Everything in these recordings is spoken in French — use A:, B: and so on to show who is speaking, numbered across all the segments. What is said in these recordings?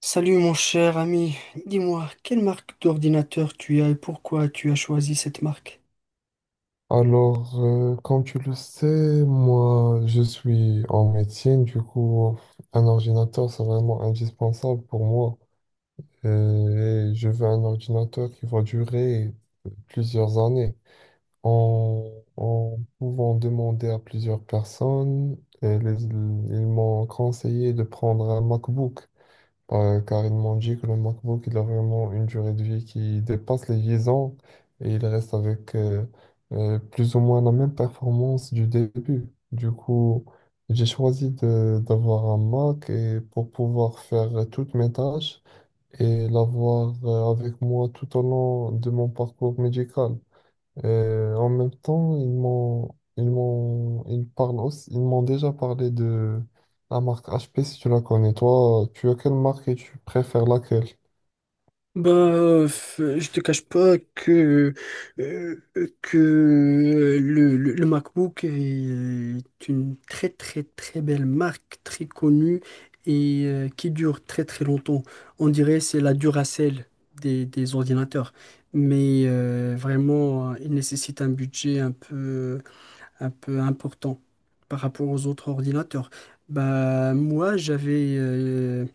A: Salut mon cher ami, dis-moi, quelle marque d'ordinateur tu as et pourquoi tu as choisi cette marque?
B: Alors, comme tu le sais, moi, je suis en médecine, du coup, un ordinateur, c'est vraiment indispensable pour moi. Et je veux un ordinateur qui va durer plusieurs années. En, en pouvant demander à plusieurs personnes, ils m'ont conseillé de prendre un MacBook. Ouais, car ils m'ont dit que le MacBook, il a vraiment une durée de vie qui dépasse les 10 ans et il reste avec plus ou moins la même performance du début. Du coup, j'ai choisi d'avoir un Mac et pour pouvoir faire toutes mes tâches et l'avoir avec moi tout au long de mon parcours médical. En même temps, ils m'ont, ils m'ont, ils parlent aussi, ils m'ont déjà parlé de la marque HP si tu la connais. Toi, tu as quelle marque et tu préfères laquelle?
A: Bah, je te cache pas que, euh, le MacBook est une très très très belle marque, très connue et qui dure très très longtemps. On dirait c'est la Duracell des ordinateurs. Mais vraiment, il nécessite un budget un peu important par rapport aux autres ordinateurs. Bah, moi, j'avais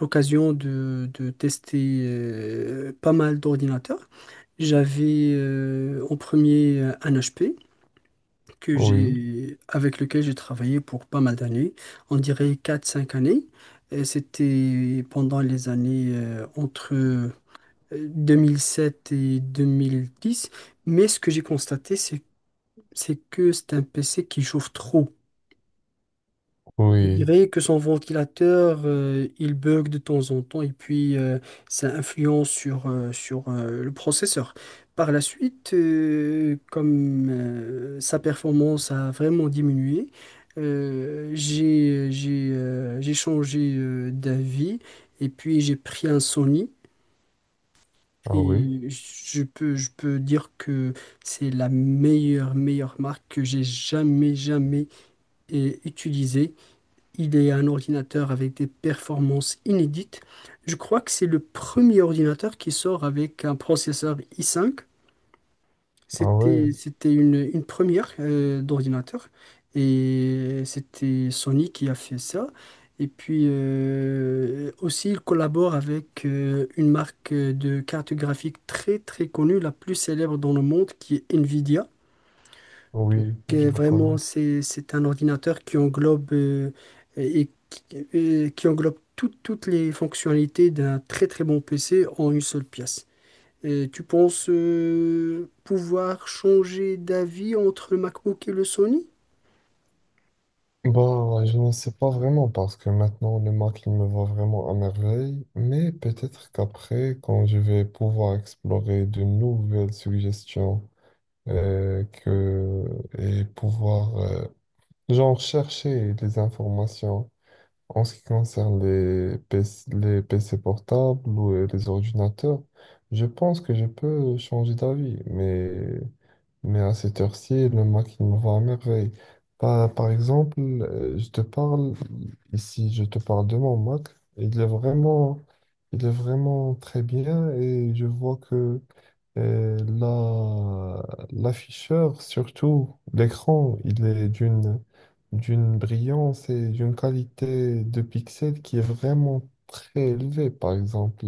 A: l'occasion de tester pas mal d'ordinateurs. J'avais en premier un HP que
B: Oui,
A: avec lequel j'ai travaillé pour pas mal d'années, on dirait quatre cinq années. Et c'était pendant les années entre 2007 et 2010. Mais ce que j'ai constaté, c'est que c'est un PC qui chauffe trop. Je
B: oui,
A: dirais que son ventilateur, il bug de temps en temps et puis ça influence sur le processeur. Par la suite, comme sa performance a vraiment diminué, j'ai changé d'avis et puis j'ai pris un Sony.
B: ah oui,
A: Et je peux dire que c'est la meilleure marque que j'ai jamais utilisée. Il est un ordinateur avec des performances inédites. Je crois que c'est le premier ordinateur qui sort avec un processeur i5.
B: ah ouais,
A: C'était une première d'ordinateur. Et c'était Sony qui a fait ça. Et puis aussi, il collabore avec une marque de cartes graphiques très très connue, la plus célèbre dans le monde, qui est Nvidia. Donc,
B: oui, je la
A: vraiment,
B: connais.
A: c'est un ordinateur qui englobe, et, qui qui englobe toutes les fonctionnalités d'un très très bon PC en une seule pièce. Et tu penses pouvoir changer d'avis entre le MacBook et le Sony?
B: Bah, je ne sais pas vraiment parce que maintenant le Mac il me va vraiment à merveille, mais peut-être qu'après, quand je vais pouvoir explorer de nouvelles suggestions euh, que, et pouvoir genre, chercher des informations en ce qui concerne les PC, les PC portables ou les ordinateurs, je pense que je peux changer d'avis, mais à cette heure-ci, le Mac, il me va à merveille. Par exemple, je te parle, ici, je te parle de mon Mac. Il est vraiment, il est vraiment très bien et je vois que euh, la, l'afficheur, surtout l'écran, d'une brillance et d'une qualité de pixels qui est vraiment très élevée. Par exemple,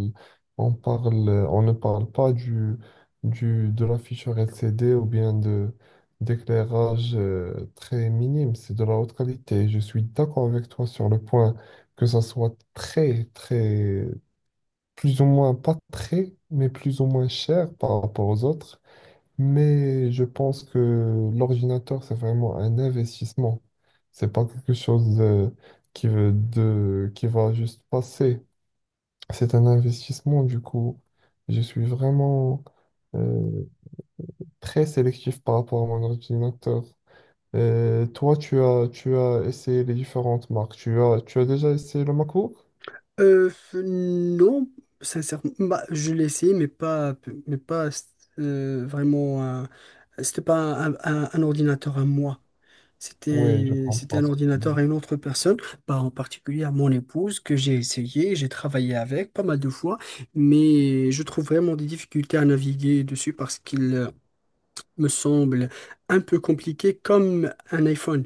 B: on parle, on ne parle pas de l'afficheur LCD ou bien de d'éclairage très minime, c'est de la haute qualité. Je suis d'accord avec toi sur le point que ça soit très, très, plus ou moins, pas très, mais plus ou moins cher par rapport aux autres. Mais je pense que l'ordinateur, c'est vraiment un investissement. C'est pas quelque chose qui va juste passer. C'est un investissement, du coup. Je suis vraiment euh, très sélectif par rapport à mon ordinateur. Toi, tu as essayé les différentes marques. Tu as déjà essayé le MacBook?
A: Euh, non, sincèrement, bah, je l'ai essayé, mais pas vraiment. C'était pas un ordinateur à moi.
B: Oui, je
A: C'était
B: comprends
A: un
B: ce que tu
A: ordinateur
B: dis.
A: à une autre personne, pas en particulier à mon épouse, que j'ai essayé, j'ai travaillé avec pas mal de fois, mais je trouve vraiment des difficultés à naviguer dessus parce qu'il me semble un peu compliqué comme un iPhone.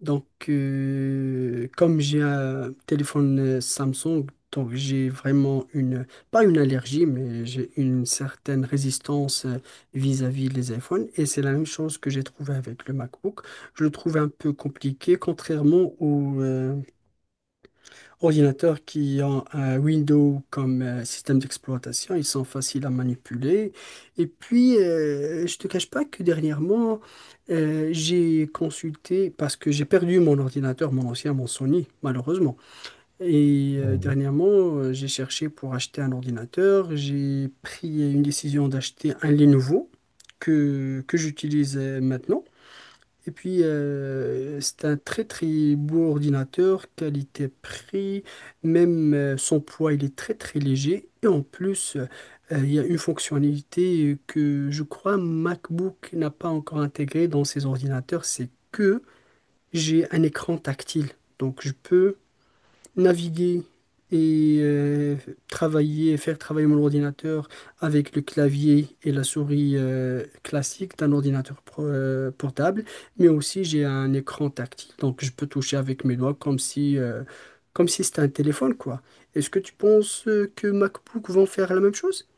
A: Donc, comme j'ai un téléphone Samsung, donc j'ai vraiment une, pas une allergie, mais j'ai une certaine résistance vis-à-vis des iPhones. Et c'est la même chose que j'ai trouvé avec le MacBook. Je le trouve un peu compliqué, contrairement au, ordinateurs qui ont un Windows comme système d'exploitation, ils sont faciles à manipuler. Et puis, je te cache pas que dernièrement, j'ai consulté, parce que j'ai perdu mon ordinateur, mon ancien, mon Sony, malheureusement. Et
B: Oui.
A: dernièrement, j'ai cherché pour acheter un ordinateur. J'ai pris une décision d'acheter un Lenovo que j'utilise maintenant. Et puis, c'est un très très beau ordinateur, qualité-prix, même son poids, il est très très léger. Et en plus, il y a une fonctionnalité que je crois MacBook n'a pas encore intégrée dans ses ordinateurs, c'est que j'ai un écran tactile. Donc, je peux naviguer et travailler, faire travailler mon ordinateur avec le clavier et la souris classique d'un ordinateur portable, mais aussi j'ai un écran tactile, donc je peux toucher avec mes doigts comme si c'était un téléphone, quoi. Est-ce que tu penses que MacBook vont faire la même chose?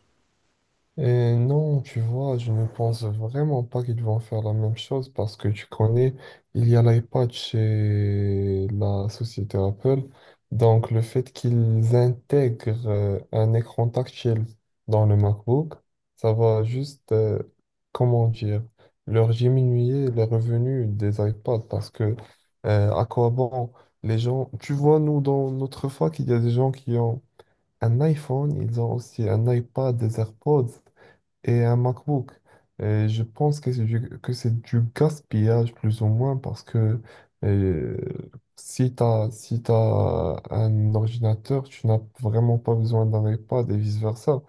B: Et non, tu vois, je ne pense vraiment pas qu'ils vont faire la même chose parce que tu connais, il y a l'iPad chez la société Apple. Donc, le fait qu'ils intègrent un écran tactile dans le MacBook, ça va juste, comment dire, leur diminuer les revenus des iPads parce que à quoi bon les gens, tu vois, nous, dans notre fac, il y a des gens qui ont un iPhone, ils ont aussi un iPad, des AirPods et un MacBook. Et je pense que que c'est du gaspillage plus ou moins parce que euh, si t'as un ordinateur, tu n'as vraiment pas besoin d'un iPad et vice-versa.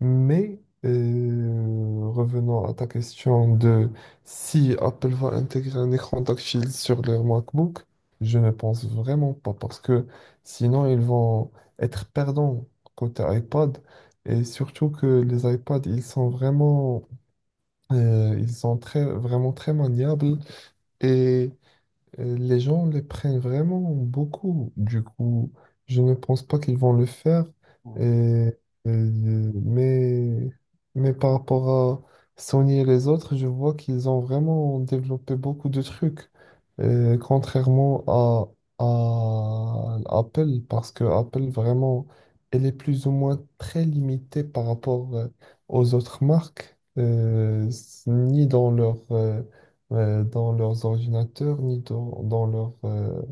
B: Mais revenons à ta question de si Apple va intégrer un écran tactile sur leur MacBook, je ne pense vraiment pas parce que sinon ils vont être perdants côté iPad et surtout que les iPads ils sont vraiment ils sont très maniables et les gens le prennent vraiment beaucoup. Du coup, je ne pense pas qu'ils vont le faire. Et, euh, mais, mais par rapport à Sony et les autres, je vois qu'ils ont vraiment développé beaucoup de trucs. Euh, contrairement à, à Apple, parce que Apple, vraiment, elle est plus ou moins très limitée par rapport aux autres marques, ni dans dans leurs ordinateurs ni dans leurs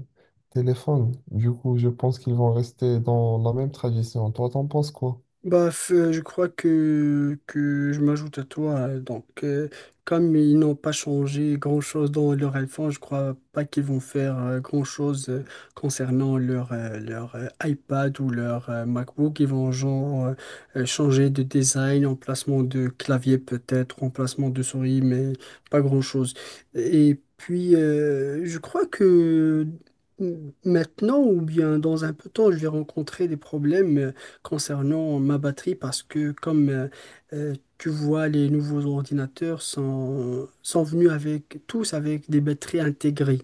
B: téléphones. Du coup, je pense qu'ils vont rester dans la même tradition. Toi, t'en penses quoi?
A: Bah, je crois que je m'ajoute à toi. Donc, comme ils n'ont pas changé grand-chose dans leur iPhone, je crois pas qu'ils vont faire grand-chose concernant leur iPad ou leur MacBook. Ils vont genre changer de design, emplacement de clavier peut-être, emplacement de souris, mais pas grand-chose. Et puis, je crois que maintenant ou bien dans un peu de temps, je vais rencontrer des problèmes. Concernant ma batterie parce que comme tu vois, les nouveaux ordinateurs sont venus avec tous avec des batteries intégrées.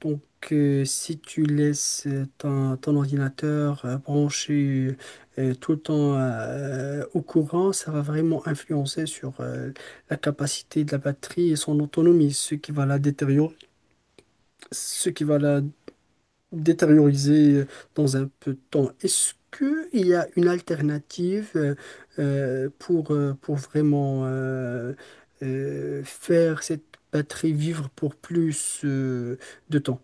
A: Donc si tu laisses ton ordinateur branché tout le temps au courant, ça va vraiment influencer sur la capacité de la batterie et son autonomie, ce qui va la détériorer, ce qui va la détériorisé dans un peu de temps. Est-ce qu'il y a une alternative pour vraiment faire cette batterie vivre pour plus de temps?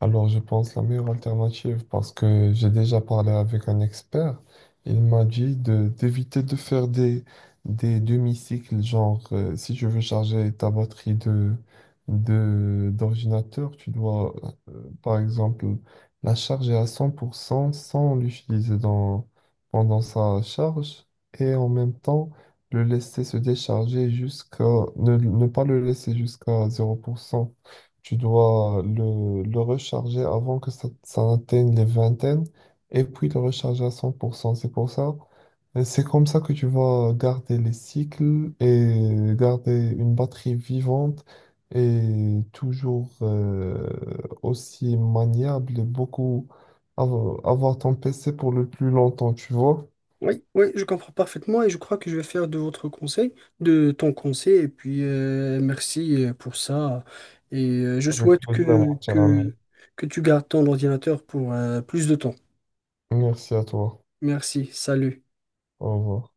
B: Alors, je pense la meilleure alternative, parce que j'ai déjà parlé avec un expert, il m'a dit de d'éviter de faire des demi-cycles, genre si tu veux charger ta batterie d'ordinateur, tu dois, par exemple, la charger à 100% sans l'utiliser pendant sa charge et en même temps le laisser se décharger ne pas le laisser jusqu'à 0%. Tu dois le recharger avant que ça atteigne les vingtaines et puis le recharger à 100%. C'est pour ça, et c'est comme ça que tu vas garder les cycles et garder une batterie vivante et toujours aussi maniable et avoir ton PC pour le plus longtemps, tu vois.
A: Oui, oui, je comprends parfaitement et je crois que je vais faire de votre conseil, de ton conseil, et puis merci pour ça. Et je
B: Avec
A: souhaite
B: plaisir, mon cher ami.
A: que tu gardes ton ordinateur pour plus de temps.
B: Merci à toi.
A: Merci, salut.
B: Au revoir.